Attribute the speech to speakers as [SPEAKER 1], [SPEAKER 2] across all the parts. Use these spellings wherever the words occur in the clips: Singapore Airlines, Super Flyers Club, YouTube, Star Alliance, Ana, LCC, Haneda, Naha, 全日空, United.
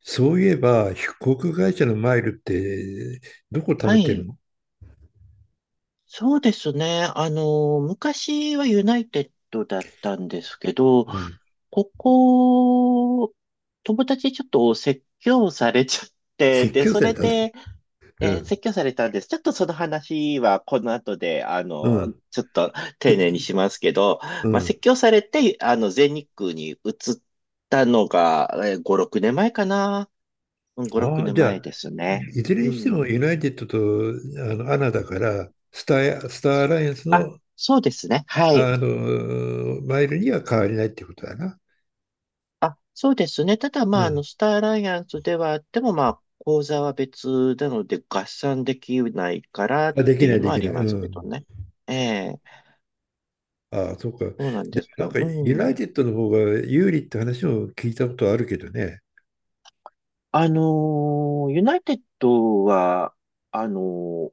[SPEAKER 1] そういえば、飛行会社のマイルって、どこ貯
[SPEAKER 2] は
[SPEAKER 1] めてる
[SPEAKER 2] い。
[SPEAKER 1] の？
[SPEAKER 2] そうですね。昔はユナイテッドだったんですけど、
[SPEAKER 1] うん。
[SPEAKER 2] ここ、友達にちょっと説教されちゃって、
[SPEAKER 1] 説
[SPEAKER 2] で、
[SPEAKER 1] 教
[SPEAKER 2] そ
[SPEAKER 1] され
[SPEAKER 2] れ
[SPEAKER 1] たね。
[SPEAKER 2] で、
[SPEAKER 1] う
[SPEAKER 2] 説
[SPEAKER 1] ん。
[SPEAKER 2] 教されたんです。ちょっとその話はこの後で、
[SPEAKER 1] うん。
[SPEAKER 2] ちょっと
[SPEAKER 1] ちょっ
[SPEAKER 2] 丁寧
[SPEAKER 1] と、
[SPEAKER 2] にしますけど、
[SPEAKER 1] う
[SPEAKER 2] まあ、
[SPEAKER 1] ん。
[SPEAKER 2] 説教されて、全日空に移ったのが、5、6年前かな。うん、5、6
[SPEAKER 1] ああ、
[SPEAKER 2] 年
[SPEAKER 1] じゃ
[SPEAKER 2] 前
[SPEAKER 1] あ、
[SPEAKER 2] です
[SPEAKER 1] い
[SPEAKER 2] ね。
[SPEAKER 1] いずれ
[SPEAKER 2] う
[SPEAKER 1] にしても
[SPEAKER 2] ん。
[SPEAKER 1] ユナイテッドとアナだから、スターアライアンス
[SPEAKER 2] あ、
[SPEAKER 1] の、
[SPEAKER 2] そうですね。はい。
[SPEAKER 1] マイルには変わりないってことだな。
[SPEAKER 2] あ、そうですね。ただ、
[SPEAKER 1] う
[SPEAKER 2] まあ、
[SPEAKER 1] ん。
[SPEAKER 2] スターアライアンスではあっても、まあ、口座は別なので合算できないからっ
[SPEAKER 1] あ、でき
[SPEAKER 2] てい
[SPEAKER 1] な
[SPEAKER 2] う
[SPEAKER 1] い、
[SPEAKER 2] の
[SPEAKER 1] で
[SPEAKER 2] はあ
[SPEAKER 1] きな
[SPEAKER 2] り
[SPEAKER 1] い。う
[SPEAKER 2] ますけ
[SPEAKER 1] ん。
[SPEAKER 2] どね。ええ、
[SPEAKER 1] ああ、そうか。
[SPEAKER 2] そうなんです
[SPEAKER 1] なん
[SPEAKER 2] よ。
[SPEAKER 1] か、
[SPEAKER 2] う
[SPEAKER 1] ユナイ
[SPEAKER 2] ん。
[SPEAKER 1] テッドの方が有利って話も聞いたことあるけどね。
[SPEAKER 2] ユナイテッドは、あの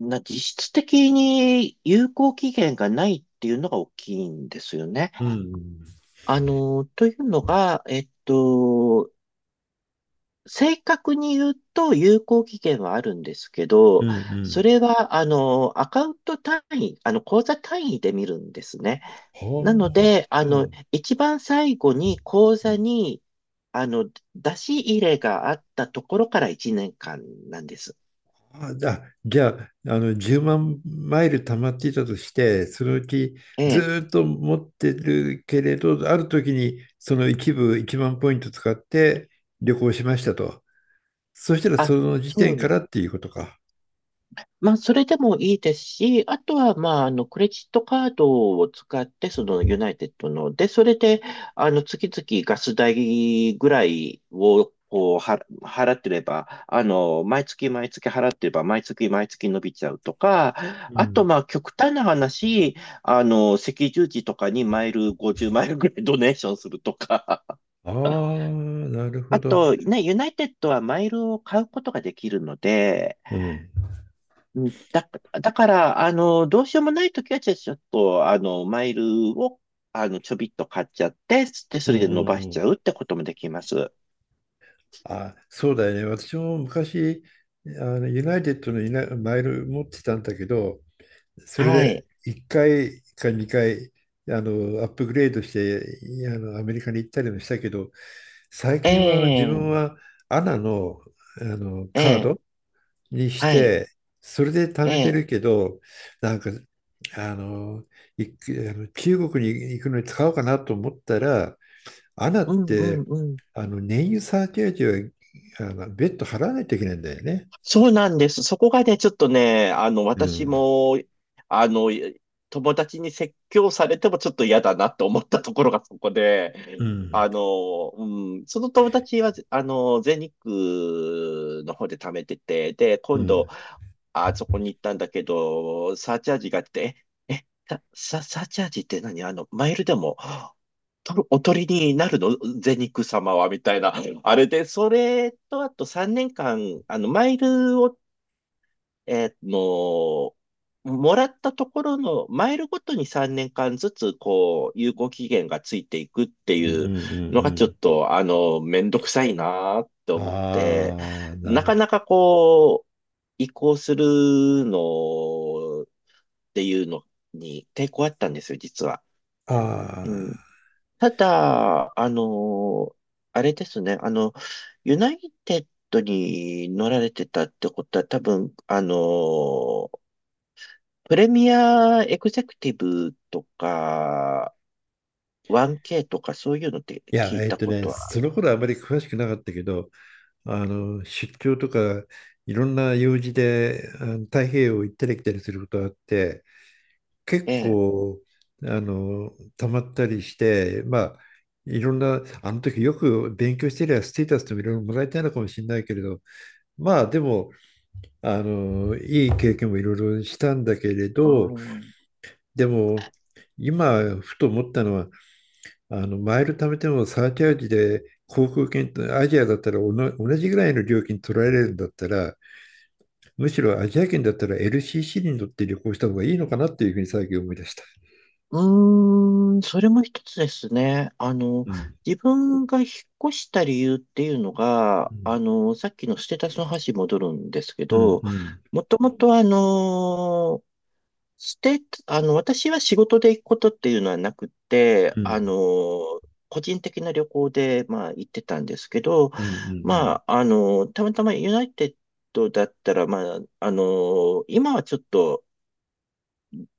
[SPEAKER 2] ーな、実質的に有効期限がないっていうのが大きいんですよね。
[SPEAKER 1] うん。
[SPEAKER 2] というのが、正確に言うと有効期限はあるんですけ
[SPEAKER 1] う
[SPEAKER 2] ど、
[SPEAKER 1] んう
[SPEAKER 2] そ
[SPEAKER 1] ん。
[SPEAKER 2] れは、アカウント単位、口座単位で見るんですね。なの
[SPEAKER 1] はあ。
[SPEAKER 2] で、
[SPEAKER 1] うん。
[SPEAKER 2] 一番最後に口
[SPEAKER 1] う
[SPEAKER 2] 座
[SPEAKER 1] ん、
[SPEAKER 2] に、あの、出し入れがあったところから1年間なんです。
[SPEAKER 1] あ、じゃあ、じゃあ、10万マイル溜まっていたとして、そのうち
[SPEAKER 2] え
[SPEAKER 1] ず
[SPEAKER 2] え。
[SPEAKER 1] ーっと持ってるけれど、ある時にその一部1万ポイント使って旅行しましたと。そしたら
[SPEAKER 2] あ、
[SPEAKER 1] その時
[SPEAKER 2] そ
[SPEAKER 1] 点か
[SPEAKER 2] う、
[SPEAKER 1] らっていうことか。
[SPEAKER 2] まあ、それでもいいですし、あとは、まあ、クレジットカードを使って、その、ユナイテッドの、で、それで、月々ガス代ぐらいを、こう、払ってれば、毎月毎月払ってれば、毎月毎月伸びちゃうとか、
[SPEAKER 1] う
[SPEAKER 2] あと、
[SPEAKER 1] ん。
[SPEAKER 2] まあ、極端な話、赤十字とかにマイル50マイルぐらいドネーションするとか、
[SPEAKER 1] あ あ、なるほ
[SPEAKER 2] あ
[SPEAKER 1] ど。
[SPEAKER 2] と、ね、ユナイテッドはマイルを買うことができるので、
[SPEAKER 1] うん。
[SPEAKER 2] うん、だから、どうしようもないときは、じゃあちょっと、マイルを、ちょびっと買っちゃって、で、
[SPEAKER 1] う
[SPEAKER 2] そ
[SPEAKER 1] んう
[SPEAKER 2] れで伸
[SPEAKER 1] ん
[SPEAKER 2] ばし
[SPEAKER 1] う
[SPEAKER 2] ちゃ
[SPEAKER 1] ん。
[SPEAKER 2] うってこともできます。
[SPEAKER 1] あ、そうだよね。私も昔、あユナイテッドのユナマイル持ってたんだけど、それ
[SPEAKER 2] は
[SPEAKER 1] で
[SPEAKER 2] い。
[SPEAKER 1] 1回か2回アップグレードしてアメリカに行ったりもしたけど、最
[SPEAKER 2] え
[SPEAKER 1] 近は自分
[SPEAKER 2] え、
[SPEAKER 1] はアナの、
[SPEAKER 2] え
[SPEAKER 1] カー
[SPEAKER 2] え、
[SPEAKER 1] ドにし
[SPEAKER 2] はい。
[SPEAKER 1] てそれで貯
[SPEAKER 2] え
[SPEAKER 1] めて
[SPEAKER 2] え、
[SPEAKER 1] るけど、なんかあのいあの中国に行くのに使おうかなと思ったら、アナっ
[SPEAKER 2] うん
[SPEAKER 1] て
[SPEAKER 2] うん、
[SPEAKER 1] 燃油サーチャージは別途払わないといけないんだよね。
[SPEAKER 2] そうなんです。そこがね、ちょっとね、
[SPEAKER 1] う
[SPEAKER 2] 私
[SPEAKER 1] ん
[SPEAKER 2] も、あの、友達に説教されてもちょっと嫌だなと思ったところがそこで、
[SPEAKER 1] うん
[SPEAKER 2] うん、その友達は、全日空の方で貯めてて、で、
[SPEAKER 1] う
[SPEAKER 2] 今度、
[SPEAKER 1] ん
[SPEAKER 2] あそこに行ったんだけど、サーチャージがあって、え、え、サーチャージって何、マイルでもとるおとりになるのゼニク様は、みたいな。あれで、それと、あと3年間、マイルを、えーの、もらったところの、マイルごとに3年間ずつ、こう、有効期限がついていくって
[SPEAKER 1] うんうんうん
[SPEAKER 2] いう
[SPEAKER 1] う
[SPEAKER 2] のが、ちょっ
[SPEAKER 1] ん。
[SPEAKER 2] と、めんどくさいなって思って、
[SPEAKER 1] ああ、な
[SPEAKER 2] なか
[SPEAKER 1] る。
[SPEAKER 2] なかこう、移行するのっていうのに抵抗あったんですよ、実は。
[SPEAKER 1] あ
[SPEAKER 2] うん、
[SPEAKER 1] あ。
[SPEAKER 2] ただ、あれですね、ユナイテッドに乗られてたってことは、多分、プレミアエグゼクティブとか、1K とかそういうのって
[SPEAKER 1] いや、
[SPEAKER 2] 聞いたことは、
[SPEAKER 1] その頃はあまり詳しくなかったけど、出張とか、いろんな用事で、太平洋行ったり来たりすることがあって、結
[SPEAKER 2] ええ、
[SPEAKER 1] 構、あの、溜まったりして、まあ、いろんな、あの時よく勉強してりゃ、ステータスともいろいろもらえたのかもしれないけれど、まあ、でも、いい経験もいろいろしたんだけれ
[SPEAKER 2] う
[SPEAKER 1] ど、
[SPEAKER 2] ん、
[SPEAKER 1] でも、今、ふと思ったのは、マイル貯めてもサーチャージで航空券と、アジアだったら同じぐらいの料金取られるんだったら、むしろアジア圏だったら LCC に乗って旅行した方がいいのかなっていうふうに最近思い出した。
[SPEAKER 2] うーん、それも一つですね。
[SPEAKER 1] うん。
[SPEAKER 2] 自分が引っ越した理由っていうの
[SPEAKER 1] う
[SPEAKER 2] が、
[SPEAKER 1] ん。
[SPEAKER 2] さっきのステータスの話に戻るんですけ
[SPEAKER 1] うん。
[SPEAKER 2] ど、
[SPEAKER 1] うん。
[SPEAKER 2] もともとして、私は仕事で行くことっていうのはなくて、
[SPEAKER 1] うん。
[SPEAKER 2] 個人的な旅行で、まあ、行ってたんですけど、
[SPEAKER 1] うん。
[SPEAKER 2] まあ、たまたまユナイテッドだったら、まあ、今はちょっと、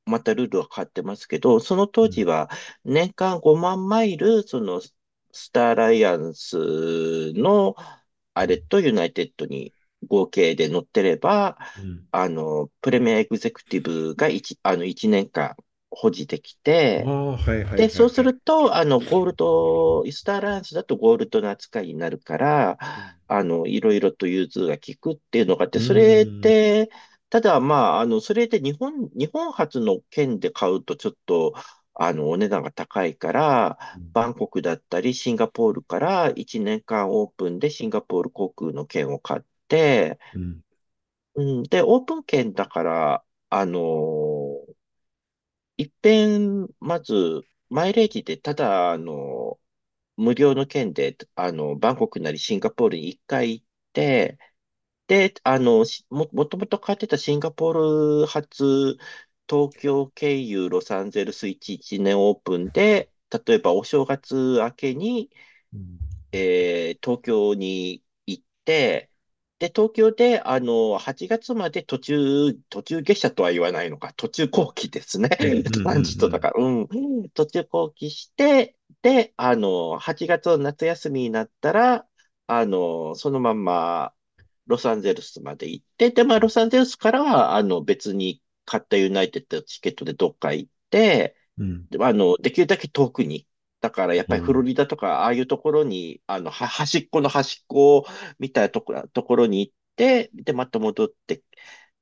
[SPEAKER 2] またルールは変わってますけど、その
[SPEAKER 1] う
[SPEAKER 2] 当時
[SPEAKER 1] ん。
[SPEAKER 2] は年間5万マイル、そのスターアライアンスのあれとユナイテッドに合計で乗ってれば、
[SPEAKER 1] うん。
[SPEAKER 2] プレミアエグゼクティブが1、あの、1年間保持でき
[SPEAKER 1] あ
[SPEAKER 2] て、
[SPEAKER 1] あ、はいはい
[SPEAKER 2] で、
[SPEAKER 1] はい
[SPEAKER 2] そうす
[SPEAKER 1] はい。
[SPEAKER 2] ると、ゴールド、イスターアライアンスだとゴールドの扱いになるから、
[SPEAKER 1] うん。
[SPEAKER 2] いろいろと融通が利くっていうのがあって、
[SPEAKER 1] う
[SPEAKER 2] それ
[SPEAKER 1] ん。
[SPEAKER 2] で、ただ、まあ、それで日本発の券で買うとちょっと、お値段が高いか
[SPEAKER 1] う
[SPEAKER 2] ら、
[SPEAKER 1] ん。
[SPEAKER 2] バンコクだったり、シンガポールから1年間オープンでシンガポール航空の券を買って、
[SPEAKER 1] うん。
[SPEAKER 2] うん、で、オープン券だから、一遍、まず、マイレージでただ、無料の券で、バンコクなりシンガポールに一回行って、で、もともと買ってたシンガポール発、東京経由ロサンゼルス11年オープンで、例えばお正月明けに
[SPEAKER 1] うん。
[SPEAKER 2] 東京に行って、で、東京で、8月まで途中下車とは言わないのか、途中後期ですね。
[SPEAKER 1] うん。う
[SPEAKER 2] トランジットだ
[SPEAKER 1] ん。
[SPEAKER 2] から、うん。途中後期して、で、8月の夏休みになったら、そのまんま、ロサンゼルスまで行って、で、まあ、ロサンゼルスからは、別に買ったユナイテッドのチケットでどっか行って、
[SPEAKER 1] うん。
[SPEAKER 2] でまあの、できるだけ遠くに。だからやっ
[SPEAKER 1] う
[SPEAKER 2] ぱりフロ
[SPEAKER 1] ん。
[SPEAKER 2] リダとか、ああいうところに、端っこの端っこみたいなところに行って、で、また戻って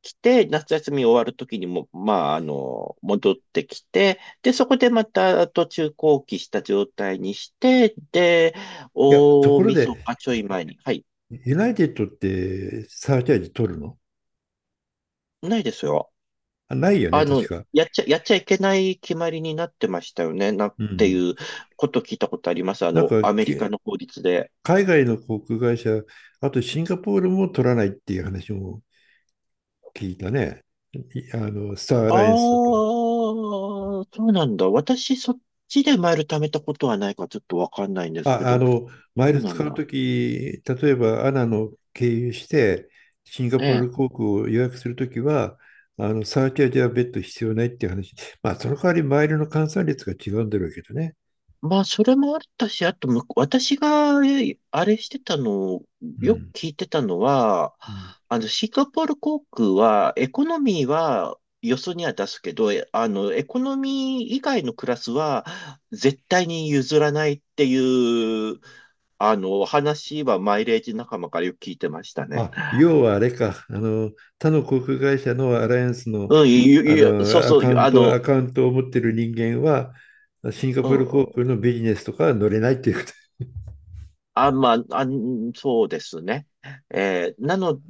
[SPEAKER 2] きて、夏休み終わるときにも、まあ、戻ってきて、で、そこでまた途中後期した状態にして、で、
[SPEAKER 1] いや、と
[SPEAKER 2] 大
[SPEAKER 1] ころ
[SPEAKER 2] 晦
[SPEAKER 1] で、
[SPEAKER 2] 日ちょい前に。はい。
[SPEAKER 1] ユナイテッドってサーチャージ取るの？
[SPEAKER 2] ないですよ。
[SPEAKER 1] あ、ないよね、
[SPEAKER 2] あ
[SPEAKER 1] 確
[SPEAKER 2] の、
[SPEAKER 1] か。
[SPEAKER 2] やっちゃいけない決まりになってましたよね。なっ
[SPEAKER 1] う
[SPEAKER 2] て
[SPEAKER 1] ん。
[SPEAKER 2] いうこと聞いたことあります。
[SPEAKER 1] なんか、
[SPEAKER 2] アメリカの法律で。
[SPEAKER 1] 海外の航空会社、あとシンガポールも取らないっていう話も聞いたね。いあの、スターア
[SPEAKER 2] ああ、
[SPEAKER 1] ライアンスだと。
[SPEAKER 2] そうなんだ。私、そっちでマイル貯めたことはないからちょっとわかんないんですけ
[SPEAKER 1] あ、
[SPEAKER 2] ど、
[SPEAKER 1] マイ
[SPEAKER 2] そう
[SPEAKER 1] ル
[SPEAKER 2] な
[SPEAKER 1] 使
[SPEAKER 2] ん
[SPEAKER 1] う
[SPEAKER 2] だ。
[SPEAKER 1] とき、例えばアナの経由して、シンガ
[SPEAKER 2] え
[SPEAKER 1] ポー
[SPEAKER 2] え。
[SPEAKER 1] ル航空を予約するときは、サーチャージは別途必要ないっていう話。まあ、その代わりマイルの換算率が違うんだろうけどね。
[SPEAKER 2] まあ、それもあったし、あとむ、私が、えあれしてたの、
[SPEAKER 1] う
[SPEAKER 2] よく
[SPEAKER 1] ん。
[SPEAKER 2] 聞いてたのは、
[SPEAKER 1] うん、
[SPEAKER 2] シンガポール航空は、エコノミーは、よそには出すけど、えあの、エコノミー以外のクラスは、絶対に譲らないっていう、話はマイレージ仲間からよく聞いてましたね。
[SPEAKER 1] あ、要はあれか、他の航空会社のアライアンスの、
[SPEAKER 2] うん、そうそう、ゆあ
[SPEAKER 1] ア
[SPEAKER 2] の、
[SPEAKER 1] カウントを持ってる人間は、シンガ
[SPEAKER 2] う
[SPEAKER 1] ポール航
[SPEAKER 2] ん、
[SPEAKER 1] 空のビジネスとかは乗れないっていうこと。
[SPEAKER 2] あ、まあ、あ、そうですね。えーなの、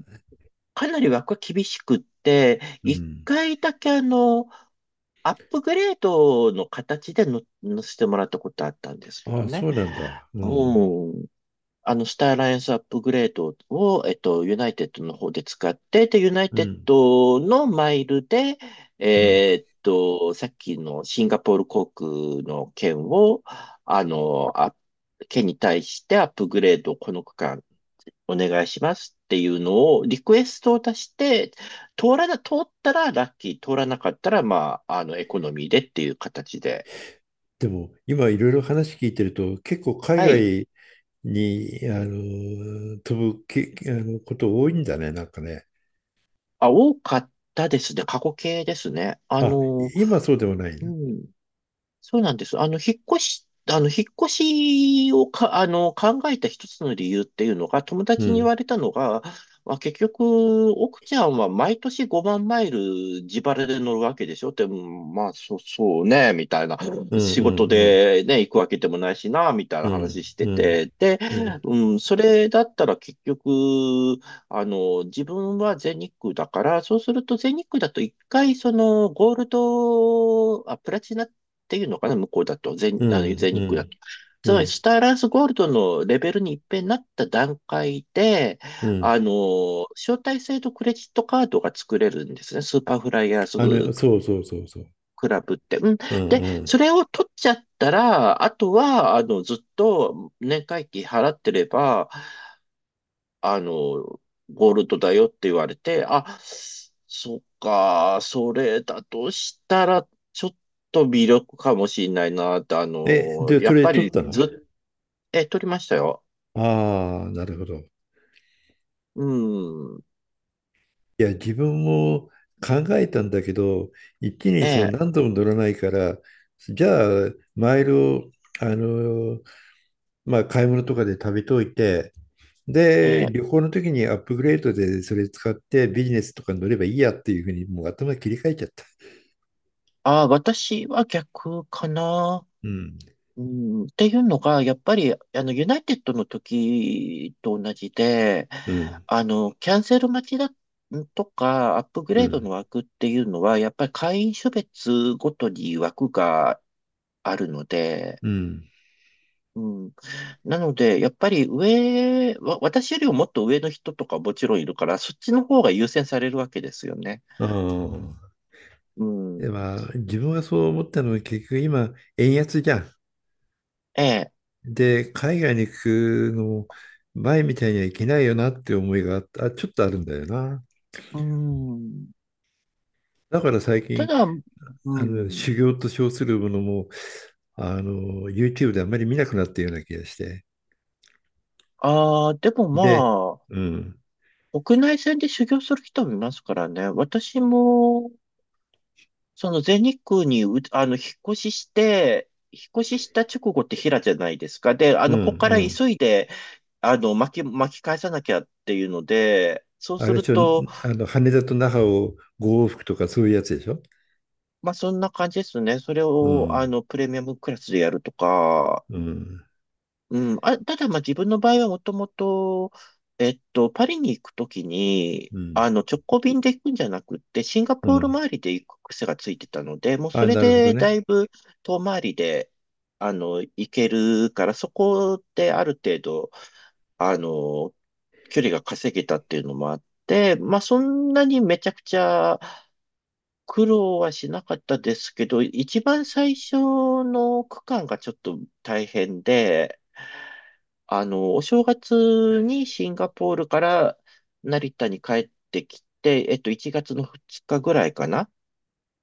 [SPEAKER 2] かなり枠は厳しくって、
[SPEAKER 1] う
[SPEAKER 2] 一
[SPEAKER 1] ん。
[SPEAKER 2] 回だけアップグレードの形での、乗せてもらったことあったんですけ
[SPEAKER 1] あ
[SPEAKER 2] ど
[SPEAKER 1] あ、
[SPEAKER 2] ね。
[SPEAKER 1] そうなんだ。うん。
[SPEAKER 2] うん。スターアライアンスアップグレードを、ユナイテッドの方で使って、で、ユナイ
[SPEAKER 1] う
[SPEAKER 2] テッ
[SPEAKER 1] ん。
[SPEAKER 2] ドのマイルで、
[SPEAKER 1] うん。
[SPEAKER 2] さっきのシンガポール航空の券を、あの、あ、券に対してアップグレードをこの区間お願いしますっていうのをリクエストを出して、通ったらラッキー、通らなかったら、まあ、エコノミーでっていう形で。
[SPEAKER 1] でも、今いろいろ話聞いてると、結構海
[SPEAKER 2] はい。
[SPEAKER 1] 外に、あの、飛ぶけ、あの、こと多いんだね、なんかね。
[SPEAKER 2] あ、多かったですね。過去形ですね。
[SPEAKER 1] あ、今そうでもない
[SPEAKER 2] う
[SPEAKER 1] な。
[SPEAKER 2] ん。そうなんです。引っ越しをか、考えた一つの理由っていうのが、友
[SPEAKER 1] う
[SPEAKER 2] 達に言
[SPEAKER 1] ん。
[SPEAKER 2] われたのが、まあ、結局、奥ちゃんは毎年5万マイル自腹で乗るわけでしょって、うん、まあ、そうね、みたいな。
[SPEAKER 1] うん
[SPEAKER 2] 仕事
[SPEAKER 1] うん
[SPEAKER 2] でね、行くわけでもないしな、みたい
[SPEAKER 1] う
[SPEAKER 2] な
[SPEAKER 1] ん。
[SPEAKER 2] 話して
[SPEAKER 1] うん。
[SPEAKER 2] て。で、
[SPEAKER 1] うん。うん。
[SPEAKER 2] うん、それだったら結局、自分は全日空だから、そうすると全日空だと一回、ゴールド、あ、プラチナっていうのかな、向こうだと、
[SPEAKER 1] う
[SPEAKER 2] 全、あの、
[SPEAKER 1] ん。
[SPEAKER 2] 全
[SPEAKER 1] う
[SPEAKER 2] 日空だと。
[SPEAKER 1] ん。
[SPEAKER 2] つ
[SPEAKER 1] う
[SPEAKER 2] まり、
[SPEAKER 1] ん。
[SPEAKER 2] スターアライアンスゴールドのレベルに一変なった段階で、
[SPEAKER 1] うん。
[SPEAKER 2] 招待制度クレジットカードが作れるんですね。スーパーフライヤーズ
[SPEAKER 1] そうそうそうそう。
[SPEAKER 2] クラブって。うん。
[SPEAKER 1] うん
[SPEAKER 2] で、
[SPEAKER 1] うん。
[SPEAKER 2] それを取っちゃったら、あとは、ずっと年会費払ってれば、あの、ゴールドだよって言われて、あ、そっか、それだとしたら、ちょっと微力かもしれないなって、あ
[SPEAKER 1] え、
[SPEAKER 2] の、
[SPEAKER 1] で、
[SPEAKER 2] や
[SPEAKER 1] そ
[SPEAKER 2] っ
[SPEAKER 1] れ
[SPEAKER 2] ぱ
[SPEAKER 1] 取っ
[SPEAKER 2] り
[SPEAKER 1] たの？
[SPEAKER 2] ずっ、え、取りましたよ。
[SPEAKER 1] ああー、なるほど。い
[SPEAKER 2] うん、
[SPEAKER 1] や、自分も考えたんだけど、一気
[SPEAKER 2] え
[SPEAKER 1] にその
[SPEAKER 2] え、
[SPEAKER 1] 何度も乗らないから、じゃあ、マイルを、あの、まあ、買い物とかで食べといて、
[SPEAKER 2] え
[SPEAKER 1] で、
[SPEAKER 2] え、
[SPEAKER 1] 旅行の時にアップグレードでそれ使ってビジネスとかに乗ればいいやっていうふうにもう頭切り替えちゃった。
[SPEAKER 2] あ、私は逆かな。
[SPEAKER 1] うん。
[SPEAKER 2] うん、っていうのが、やっぱり、ユナイテッドの時と同じで、
[SPEAKER 1] うん。
[SPEAKER 2] キャンセル待ちだとか、アップグ
[SPEAKER 1] う
[SPEAKER 2] レード
[SPEAKER 1] ん。
[SPEAKER 2] の枠っていうのは、やっぱり会員種別ごとに枠があるので、
[SPEAKER 1] うん。
[SPEAKER 2] うん、なので、やっぱり私よりももっと上の人とかもちろんいるから、そっちの方が優先されるわけですよね。
[SPEAKER 1] ああ。
[SPEAKER 2] うん、
[SPEAKER 1] で、まあ、自分がそう思ったのは結局今、円安じゃん。
[SPEAKER 2] ええ、
[SPEAKER 1] で、海外に行くのも前みたいにはいけないよなって思いがあった、ちょっとあるんだよな。
[SPEAKER 2] うん、
[SPEAKER 1] だから最
[SPEAKER 2] た
[SPEAKER 1] 近、
[SPEAKER 2] だ、うん、
[SPEAKER 1] 修行と称するものも、YouTube であんまり見なくなったような気がして。
[SPEAKER 2] ああ、でも
[SPEAKER 1] で、
[SPEAKER 2] まあ、
[SPEAKER 1] うん、
[SPEAKER 2] 国内線で修行する人もいますからね。私も、その全日空にう、あの、引っ越しして、引っ越しした直後って平じゃないですか。で、
[SPEAKER 1] うん、う
[SPEAKER 2] ここから
[SPEAKER 1] ん。
[SPEAKER 2] 急いで、巻き返さなきゃっていうので、そう
[SPEAKER 1] あ
[SPEAKER 2] す
[SPEAKER 1] れで
[SPEAKER 2] る
[SPEAKER 1] しょ、
[SPEAKER 2] と、
[SPEAKER 1] 羽田と那覇を5往復とかそういうやつでしょ。
[SPEAKER 2] まあ、そんな感じですね。それ
[SPEAKER 1] う
[SPEAKER 2] を、
[SPEAKER 1] ん、
[SPEAKER 2] プレミアムクラスでやるとか、
[SPEAKER 1] うん、
[SPEAKER 2] うん、あ、ただ、まあ、自分の場合はもともと、パリに行くときに、
[SPEAKER 1] うん、
[SPEAKER 2] 直行便で行くんじゃなくって、シンガ
[SPEAKER 1] う
[SPEAKER 2] ポール
[SPEAKER 1] ん。
[SPEAKER 2] 周りで行く癖がついてたので、もうそ
[SPEAKER 1] あ、
[SPEAKER 2] れ
[SPEAKER 1] なるほど
[SPEAKER 2] でだ
[SPEAKER 1] ね。
[SPEAKER 2] いぶ遠回りで、行けるから、そこである程度、あの、距離が稼げたっていうのもあって、まあ、そんなにめちゃくちゃ苦労はしなかったですけど、一番最初の区間がちょっと大変で、お正月にシンガポールから成田に帰ってきて、1月の2日ぐらいかな。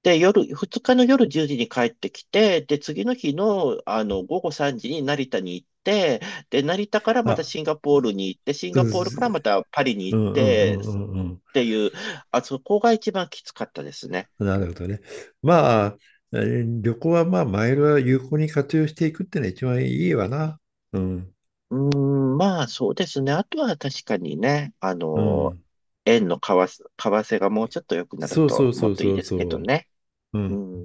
[SPEAKER 2] で、夜、2日の夜10時に帰ってきて、で、次の日の、午後3時に成田に行って、で、成田からまた
[SPEAKER 1] あ、
[SPEAKER 2] シンガポールに行って、シン
[SPEAKER 1] う
[SPEAKER 2] ガポールから
[SPEAKER 1] ん
[SPEAKER 2] またパリに
[SPEAKER 1] う
[SPEAKER 2] 行っ
[SPEAKER 1] んう
[SPEAKER 2] て、っ
[SPEAKER 1] んうんうん
[SPEAKER 2] ていう、あそこが一番きつかったですね。
[SPEAKER 1] うん。なるほどね。まあ、旅行はまあ、マイルは有効に活用していくってのは一番いいわな。うん。
[SPEAKER 2] うーん、まあそうですね。あとは確かにね、
[SPEAKER 1] うん。
[SPEAKER 2] 円の為替がもうちょっと良くなる
[SPEAKER 1] そうそ
[SPEAKER 2] と
[SPEAKER 1] うそ
[SPEAKER 2] もっ
[SPEAKER 1] う
[SPEAKER 2] といい
[SPEAKER 1] そう
[SPEAKER 2] ですけ
[SPEAKER 1] そ
[SPEAKER 2] どね。
[SPEAKER 1] う。う
[SPEAKER 2] う
[SPEAKER 1] ん。
[SPEAKER 2] ん。